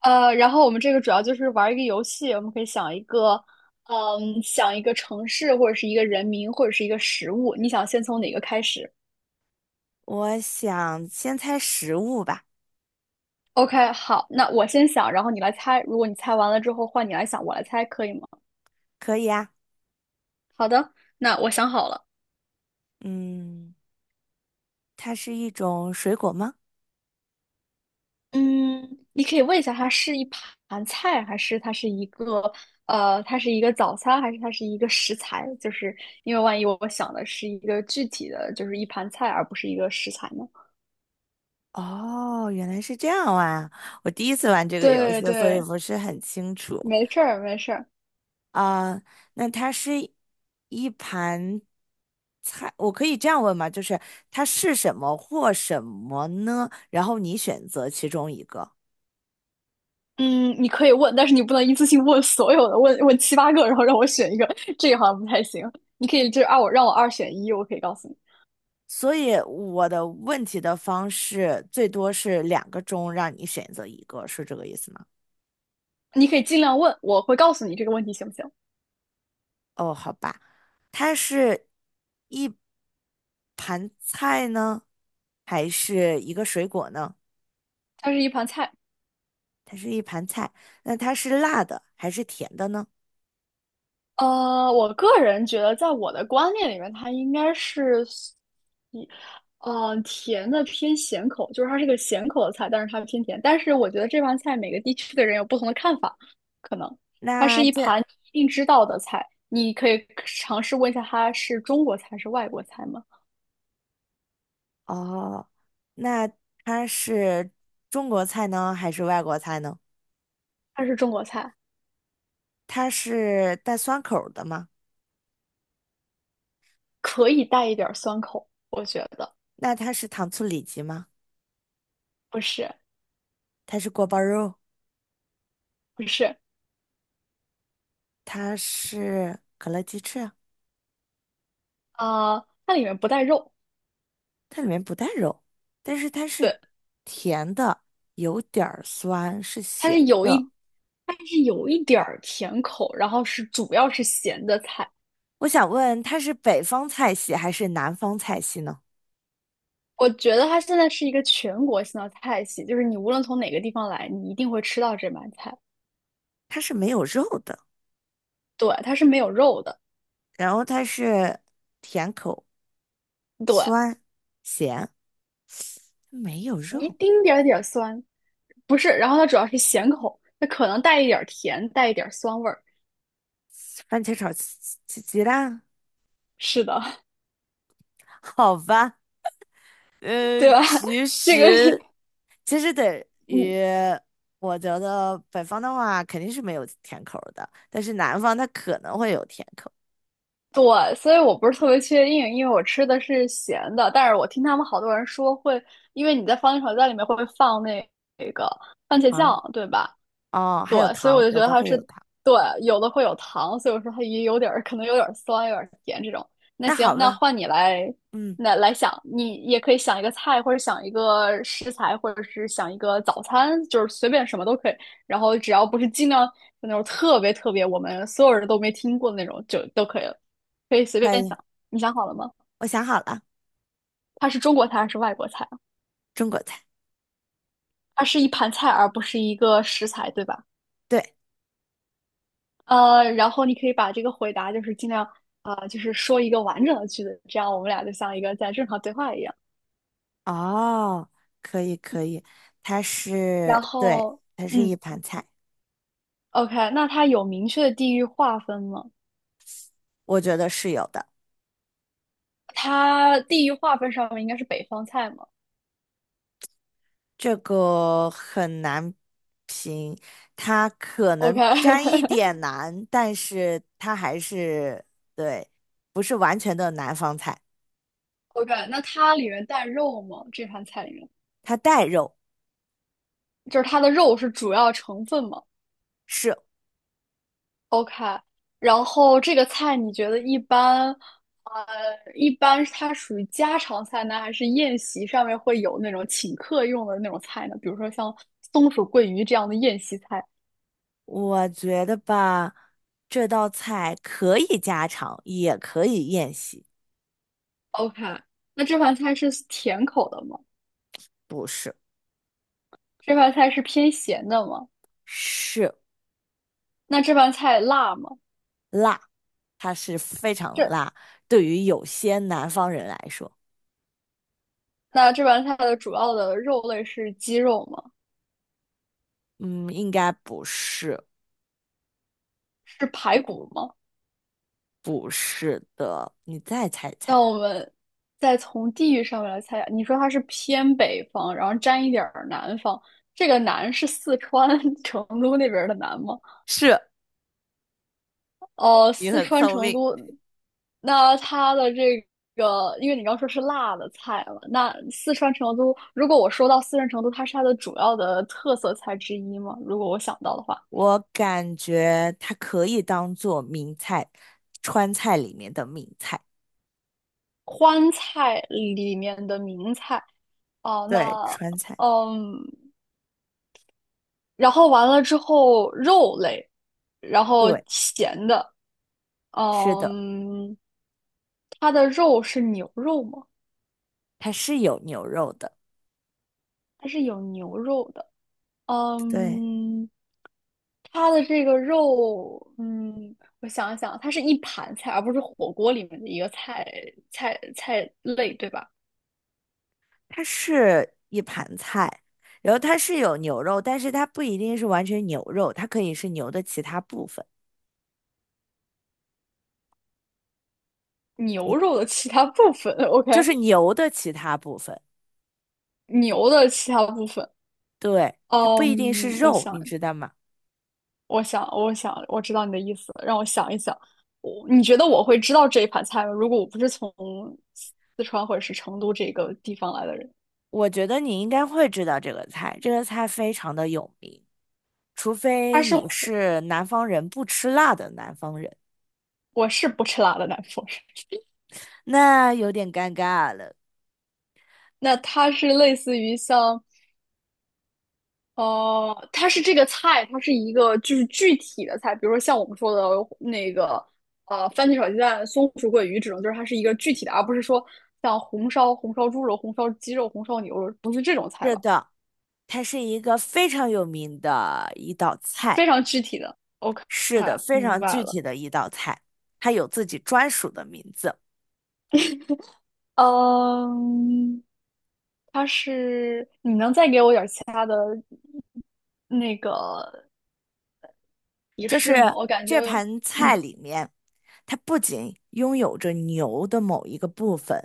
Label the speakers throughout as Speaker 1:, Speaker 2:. Speaker 1: 然后我们这个主要就是玩一个游戏，我们可以想一个，想一个城市或者是一个人名或者是一个食物，你想先从哪个开始
Speaker 2: 我想先猜食物吧，
Speaker 1: ？OK，好，那我先想，然后你来猜。如果你猜完了之后，换你来想，我来猜，可以吗？
Speaker 2: 可以啊。
Speaker 1: 好的，那我想好了。
Speaker 2: 嗯，它是一种水果吗？
Speaker 1: 嗯，你可以问一下，它是一盘菜，还是它是一个它是一个早餐，还是它是一个食材？就是因为万一我想的是一个具体的，就是一盘菜，而不是一个食材呢？
Speaker 2: 哦，原来是这样啊！我第一次玩这个游
Speaker 1: 对
Speaker 2: 戏，所以
Speaker 1: 对，
Speaker 2: 不是很清楚
Speaker 1: 没事儿，没事儿。
Speaker 2: 啊。那它是一盘菜，我可以这样问吗？就是它是什么或什么呢？然后你选择其中一个。
Speaker 1: 嗯，你可以问，但是你不能一次性问所有的，问问七八个，然后让我选一个，这个好像不太行。你可以就是让我二选一，我可以告诉你。
Speaker 2: 所以我的问题的方式最多是两个中让你选择一个，是这个意思吗？
Speaker 1: 你可以尽量问，我会告诉你这个问题行不行？
Speaker 2: 哦，好吧。它是一盘菜呢，还是一个水果呢？
Speaker 1: 它是一盘菜。
Speaker 2: 它是一盘菜，那它是辣的还是甜的呢？
Speaker 1: 呃，我个人觉得，在我的观念里面，它应该是一，甜的偏咸口，就是它是个咸口的菜，但是它偏甜。但是我觉得这盘菜每个地区的人有不同的看法，可能它是
Speaker 2: 那
Speaker 1: 一
Speaker 2: 这
Speaker 1: 盘你一定知道的菜，你可以尝试问一下它是中国菜还是外国菜吗？
Speaker 2: 哦，那它是中国菜呢，还是外国菜呢？
Speaker 1: 它是中国菜，
Speaker 2: 它是带酸口儿的吗？
Speaker 1: 可以带一点儿酸口，我觉得
Speaker 2: 那它是糖醋里脊吗？
Speaker 1: 不是。
Speaker 2: 它是锅包肉？
Speaker 1: 不是。
Speaker 2: 它是可乐鸡翅啊？
Speaker 1: 啊、它里面不带肉，
Speaker 2: 它里面不带肉，但是它是
Speaker 1: 对，
Speaker 2: 甜的，有点儿酸，是
Speaker 1: 它
Speaker 2: 咸
Speaker 1: 是有
Speaker 2: 的。
Speaker 1: 一但是有一点儿甜口，然后是主要是咸的菜。
Speaker 2: 我想问，它是北方菜系还是南方菜系呢？
Speaker 1: 我觉得它现在是一个全国性的菜系，就是你无论从哪个地方来，你一定会吃到这盘菜。
Speaker 2: 它是没有肉的，
Speaker 1: 对，它是没有肉的，
Speaker 2: 然后它是甜口、
Speaker 1: 对，
Speaker 2: 酸、咸，没有
Speaker 1: 一
Speaker 2: 肉。
Speaker 1: 丁点儿酸，不是。然后它主要是咸口，它可能带一点儿甜，带一点儿酸味儿。
Speaker 2: 番茄炒鸡蛋，
Speaker 1: 是的，
Speaker 2: 好吧。呃，
Speaker 1: 对吧？
Speaker 2: 其
Speaker 1: 这个是
Speaker 2: 实其实等
Speaker 1: 你
Speaker 2: 于我觉得北方的话肯定是没有甜口儿的，但是南方它可能会有甜口
Speaker 1: 对，所以我不是特别确定，因为我吃的是咸的，但是我听他们好多人说会，因为你在番茄炒蛋里面会放那个番茄
Speaker 2: 啊。
Speaker 1: 酱，对吧？
Speaker 2: 哦，
Speaker 1: 对，
Speaker 2: 还有
Speaker 1: 所以我
Speaker 2: 糖，
Speaker 1: 就觉
Speaker 2: 有
Speaker 1: 得
Speaker 2: 的
Speaker 1: 它
Speaker 2: 会
Speaker 1: 是
Speaker 2: 有糖。
Speaker 1: 对，有的会有糖，所以我说它也有点儿可能有点儿酸，有点儿甜这种。那
Speaker 2: 那
Speaker 1: 行，
Speaker 2: 好
Speaker 1: 那
Speaker 2: 吧，
Speaker 1: 换你来，
Speaker 2: 嗯，
Speaker 1: 那来想，你也可以想一个菜，或者想一个食材，或者是想一个早餐，就是随便什么都可以。然后只要不是尽量那种特别特别我们所有人都没听过的那种，就都可以了，可以随
Speaker 2: 可
Speaker 1: 便
Speaker 2: 以，
Speaker 1: 想。你想好了吗？
Speaker 2: 我想好了，
Speaker 1: 它是中国菜还是外国菜啊？
Speaker 2: 中国菜。
Speaker 1: 它是一盘菜，而不是一个食材，对吧？
Speaker 2: 对。
Speaker 1: 呃，然后你可以把这个回答就是尽量啊，就是说一个完整的句子，这样我们俩就像一个在正常对话一样。
Speaker 2: 哦，可以可以，它
Speaker 1: 然
Speaker 2: 是，对，
Speaker 1: 后，
Speaker 2: 它是一
Speaker 1: 嗯
Speaker 2: 盘菜，
Speaker 1: ，OK，那它有明确的地域划分吗？
Speaker 2: 我觉得是有的，
Speaker 1: 它地域划分上面应该是北方菜嘛
Speaker 2: 这个很难评，它可能沾一点
Speaker 1: ？OK，OK，
Speaker 2: 难，但是它还是，对，不是完全的南方菜，
Speaker 1: 那它里面带肉吗？这盘菜里面，
Speaker 2: 它带肉，
Speaker 1: 就是它的肉是主要成分吗？
Speaker 2: 是，
Speaker 1: OK，然后这个菜你觉得一般，呃，一般它属于家常菜呢，还是宴席上面会有那种请客用的那种菜呢？比如说像松鼠桂鱼这样的宴席菜。
Speaker 2: 我觉得吧，这道菜可以家常，也可以宴席，
Speaker 1: OK，那这盘菜是甜口的吗？
Speaker 2: 不是，
Speaker 1: 这盘菜是偏咸的吗？
Speaker 2: 是。
Speaker 1: 那这盘菜辣吗？
Speaker 2: 辣，它是非常
Speaker 1: 这，
Speaker 2: 辣。对于有些南方人来说，
Speaker 1: 那这盘菜的主要的肉类是鸡肉吗？
Speaker 2: 嗯，应该不是，
Speaker 1: 是排骨吗？
Speaker 2: 不是的。你再猜一猜，
Speaker 1: 那我们再从地域上面来猜啊，你说它是偏北方，然后沾一点儿南方，这个南是四川 成都那边儿的南吗？
Speaker 2: 是
Speaker 1: 哦，
Speaker 2: 你
Speaker 1: 四
Speaker 2: 很
Speaker 1: 川
Speaker 2: 聪
Speaker 1: 成
Speaker 2: 明。
Speaker 1: 都，那它的这个，因为你刚说是辣的菜嘛，那四川成都，如果我说到四川成都，它是它的主要的特色菜之一吗？如果我想到的话，
Speaker 2: 我感觉它可以当做名菜，川菜里面的名菜。
Speaker 1: 川菜里面的名菜，哦，
Speaker 2: 对，
Speaker 1: 那
Speaker 2: 川菜。
Speaker 1: 嗯。然后完了之后肉类，然后
Speaker 2: 对，
Speaker 1: 咸的，
Speaker 2: 是的，
Speaker 1: 嗯，它的肉是牛肉吗？
Speaker 2: 它是有牛肉的。
Speaker 1: 它是有牛肉的，
Speaker 2: 对，
Speaker 1: 嗯，它的这个肉，嗯，我想一想，它是一盘菜，而不是火锅里面的一个菜菜类，对吧？
Speaker 2: 它是一盘菜，然后它是有牛肉，但是它不一定是完全牛肉，它可以是牛的其他部分。
Speaker 1: 牛肉的其他部分 ，OK，
Speaker 2: 就是牛的其他部分，
Speaker 1: 牛的其他部分，
Speaker 2: 对，它不一定
Speaker 1: 嗯，
Speaker 2: 是肉，你知道吗？
Speaker 1: 我想，我想，我知道你的意思，让我想一想。你觉得我会知道这一盘菜吗？如果我不是从四川或者是成都这个地方来的人，
Speaker 2: 我觉得你应该会知道这个菜，这个菜非常的有名，除
Speaker 1: 他
Speaker 2: 非
Speaker 1: 是
Speaker 2: 你
Speaker 1: 火
Speaker 2: 是南方人不吃辣的南方人，
Speaker 1: 我是不吃辣的南方人。
Speaker 2: 那有点尴尬了。
Speaker 1: 那它是类似于像，呃，它是这个菜，它是一个就是具体的菜，比如说像我们说的那个，呃，番茄炒鸡蛋、松鼠桂鱼这种，就是它是一个具体的，而不是说像红烧、红烧猪肉、红烧鸡肉、红烧牛肉，不是这种菜
Speaker 2: 是
Speaker 1: 吧？
Speaker 2: 的，它是一个非常有名的一道菜，
Speaker 1: 非常具体的。OK，
Speaker 2: 是的，非
Speaker 1: 明
Speaker 2: 常
Speaker 1: 白
Speaker 2: 具
Speaker 1: 了。
Speaker 2: 体的一道菜，它有自己专属的名字，
Speaker 1: 嗯，它是，你能再给我点儿其他的那个仪
Speaker 2: 就是
Speaker 1: 式吗？我感觉，
Speaker 2: 这盘菜
Speaker 1: 嗯，
Speaker 2: 里面。它不仅拥有着牛的某一个部分，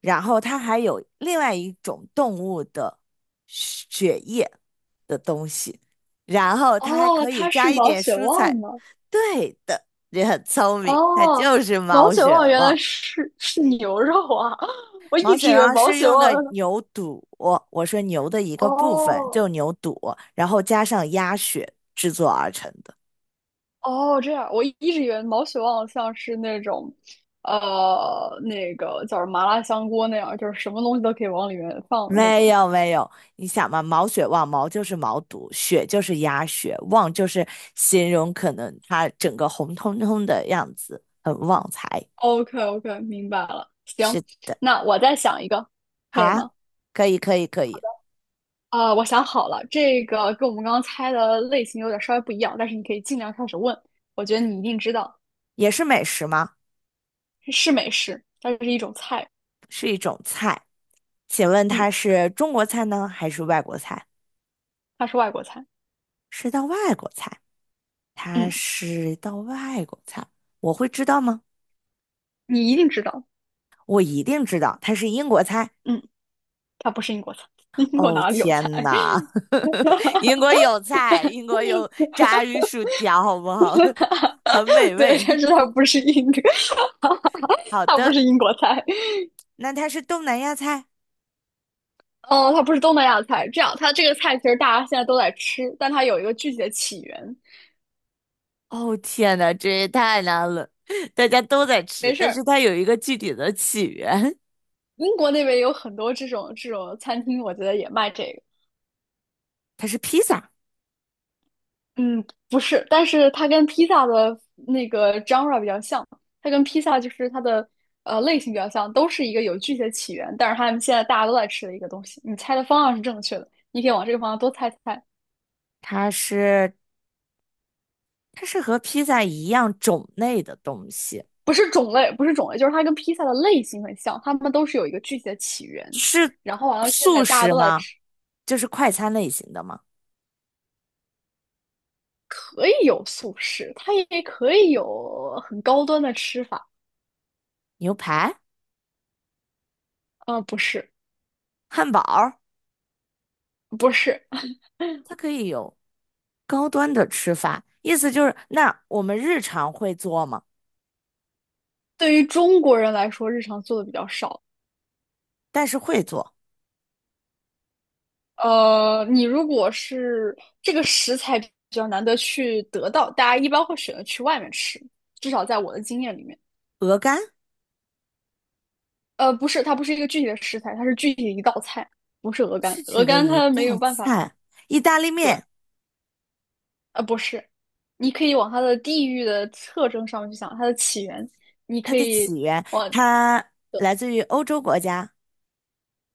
Speaker 2: 然后它还有另外一种动物的血液的东西，然后它还
Speaker 1: 哦，
Speaker 2: 可以
Speaker 1: 它是
Speaker 2: 加一
Speaker 1: 毛
Speaker 2: 点
Speaker 1: 血
Speaker 2: 蔬
Speaker 1: 旺
Speaker 2: 菜。
Speaker 1: 吗？
Speaker 2: 对的，人很聪明，它
Speaker 1: 哦，
Speaker 2: 就是
Speaker 1: 毛
Speaker 2: 毛
Speaker 1: 血
Speaker 2: 血
Speaker 1: 旺原来
Speaker 2: 旺。
Speaker 1: 是是牛肉啊！我
Speaker 2: 毛
Speaker 1: 一直
Speaker 2: 血
Speaker 1: 以为
Speaker 2: 旺
Speaker 1: 毛
Speaker 2: 是
Speaker 1: 血
Speaker 2: 用
Speaker 1: 旺，
Speaker 2: 的牛肚，我说牛的一个部分，
Speaker 1: 哦
Speaker 2: 就牛肚，然后加上鸭血制作而成的。
Speaker 1: 哦，这样，我一直以为毛血旺像是那种，呃，那个叫什么麻辣香锅那样，就是什么东西都可以往里面放的那
Speaker 2: 没
Speaker 1: 种。
Speaker 2: 有没有，你想嘛，毛血旺，毛就是毛肚，血就是鸭血，旺就是形容可能它整个红彤彤的样子，很旺财。
Speaker 1: OK OK，明白了。行，
Speaker 2: 是，
Speaker 1: 那我再想一个，
Speaker 2: 好
Speaker 1: 可以
Speaker 2: 啊，
Speaker 1: 吗？
Speaker 2: 可以可以可以，
Speaker 1: 啊、我想好了，这个跟我们刚刚猜的类型有点稍微不一样，但是你可以尽量开始问。我觉得你一定知道，
Speaker 2: 也是美食吗？
Speaker 1: 是美食，它是一种菜。
Speaker 2: 是一种菜，请问
Speaker 1: 嗯，
Speaker 2: 它是中国菜呢，还是外国菜？
Speaker 1: 它是外国菜。
Speaker 2: 是道外国菜，它
Speaker 1: 嗯，
Speaker 2: 是道外国菜，我会知道吗？
Speaker 1: 你一定知道。
Speaker 2: 我一定知道，它是英国菜。
Speaker 1: 嗯，它不是英国菜。英国
Speaker 2: 哦
Speaker 1: 哪里有
Speaker 2: 天
Speaker 1: 菜？
Speaker 2: 呐，英国有菜，英国有炸鱼薯条，好不好？很美
Speaker 1: 对，
Speaker 2: 味。
Speaker 1: 但是它不是英，
Speaker 2: 好
Speaker 1: 它不
Speaker 2: 的，
Speaker 1: 是英国菜。
Speaker 2: 那它是东南亚菜。
Speaker 1: 哦，它不是东南亚菜。这样，它这个菜其实大家现在都在吃，但它有一个具体的起源。
Speaker 2: 哦天呐，这也太难了，大家都在吃，
Speaker 1: 没事
Speaker 2: 但是
Speaker 1: 儿，
Speaker 2: 它有一个具体的起源，
Speaker 1: 英国那边有很多这种餐厅，我觉得也卖这个。
Speaker 2: 它是披萨，
Speaker 1: 嗯，不是，但是它跟披萨的genre 比较像，它跟披萨就是它的类型比较像，都是一个有具体的起源，但是他们现在大家都在吃的一个东西。你猜的方向是正确的，你可以往这个方向多猜猜。
Speaker 2: 它是它是和披萨一样种类的东西，
Speaker 1: 不是种类，不是种类，就是它跟披萨的类型很像，它们都是有一个具体的起源。
Speaker 2: 是
Speaker 1: 然后完了，现在
Speaker 2: 素
Speaker 1: 大家
Speaker 2: 食
Speaker 1: 都在
Speaker 2: 吗？
Speaker 1: 吃，
Speaker 2: 就是快餐类型的吗？
Speaker 1: 可以有素食，它也可以有很高端的吃法。
Speaker 2: 牛排、
Speaker 1: 呃，不是，
Speaker 2: 汉堡，
Speaker 1: 不是，
Speaker 2: 它可以有。高端的吃法，意思就是那我们日常会做吗？
Speaker 1: 对于中国人来说，日常做的比较少。
Speaker 2: 但是会做
Speaker 1: 呃，你如果是这个食材比较难得去得到，大家一般会选择去外面吃，至少在我的经验里面。
Speaker 2: 鹅肝
Speaker 1: 呃，不是，它不是一个具体的食材，它是具体的一道菜，不是鹅
Speaker 2: 是
Speaker 1: 肝。
Speaker 2: 指
Speaker 1: 鹅
Speaker 2: 的
Speaker 1: 肝
Speaker 2: 一
Speaker 1: 它没
Speaker 2: 道
Speaker 1: 有办法，
Speaker 2: 菜，意大利
Speaker 1: 对，
Speaker 2: 面
Speaker 1: 呃，不是，你可以往它的地域的特征上面去想，它的起源，你
Speaker 2: 它
Speaker 1: 可
Speaker 2: 的
Speaker 1: 以
Speaker 2: 起源
Speaker 1: 往，
Speaker 2: 它来自于欧洲国家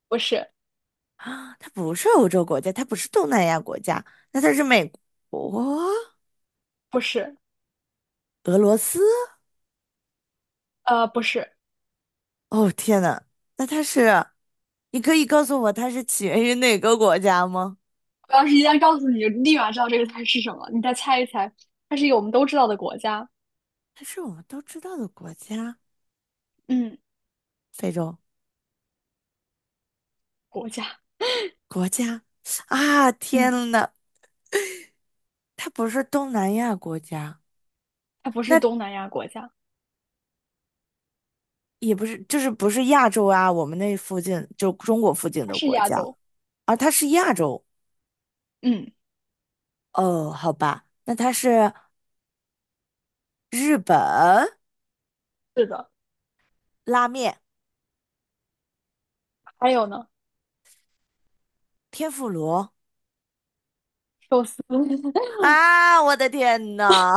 Speaker 1: 不是，
Speaker 2: 啊，它不是欧洲国家，它不是东南亚国家，那它是美国、
Speaker 1: 不是，
Speaker 2: 俄罗斯？
Speaker 1: 呃，不是。
Speaker 2: 哦天呐，那它是你可以告诉我它是起源于哪个国家吗？
Speaker 1: 我要是一旦告诉你，就立马知道这个菜是什么，你再猜一猜，它是一个我们都知道的国家，
Speaker 2: 它是我们都知道的国家，
Speaker 1: 嗯
Speaker 2: 非洲
Speaker 1: 国家，
Speaker 2: 国家啊！
Speaker 1: 嗯
Speaker 2: 天呐，它不是东南亚国家，
Speaker 1: 它不是东南亚国家，
Speaker 2: 也不是，就是不是亚洲啊，我们那附近就中国附近
Speaker 1: 它
Speaker 2: 的
Speaker 1: 是
Speaker 2: 国
Speaker 1: 亚
Speaker 2: 家
Speaker 1: 洲。
Speaker 2: 啊，它是亚洲。
Speaker 1: 嗯，
Speaker 2: 哦，好吧，那它是日本
Speaker 1: 是的，
Speaker 2: 拉面、
Speaker 1: 还有呢，
Speaker 2: 天妇罗
Speaker 1: 寿司，
Speaker 2: 啊！我的天呐，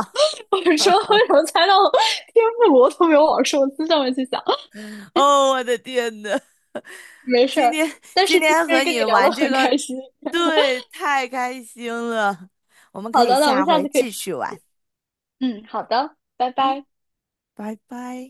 Speaker 1: 我说为什么猜到了天妇罗都没有往寿司上面去想？
Speaker 2: 哦，我的天呐，
Speaker 1: 没事
Speaker 2: 今
Speaker 1: 儿，
Speaker 2: 天
Speaker 1: 但
Speaker 2: 今
Speaker 1: 是今
Speaker 2: 天
Speaker 1: 天
Speaker 2: 和
Speaker 1: 跟
Speaker 2: 你
Speaker 1: 你聊得
Speaker 2: 玩这
Speaker 1: 很
Speaker 2: 个，
Speaker 1: 开心。
Speaker 2: 对，太开心了，我们可
Speaker 1: 好
Speaker 2: 以
Speaker 1: 的，那我
Speaker 2: 下
Speaker 1: 们下
Speaker 2: 回
Speaker 1: 次可以，
Speaker 2: 继续玩。
Speaker 1: 嗯，好的，拜
Speaker 2: 嗯，
Speaker 1: 拜。
Speaker 2: 拜拜。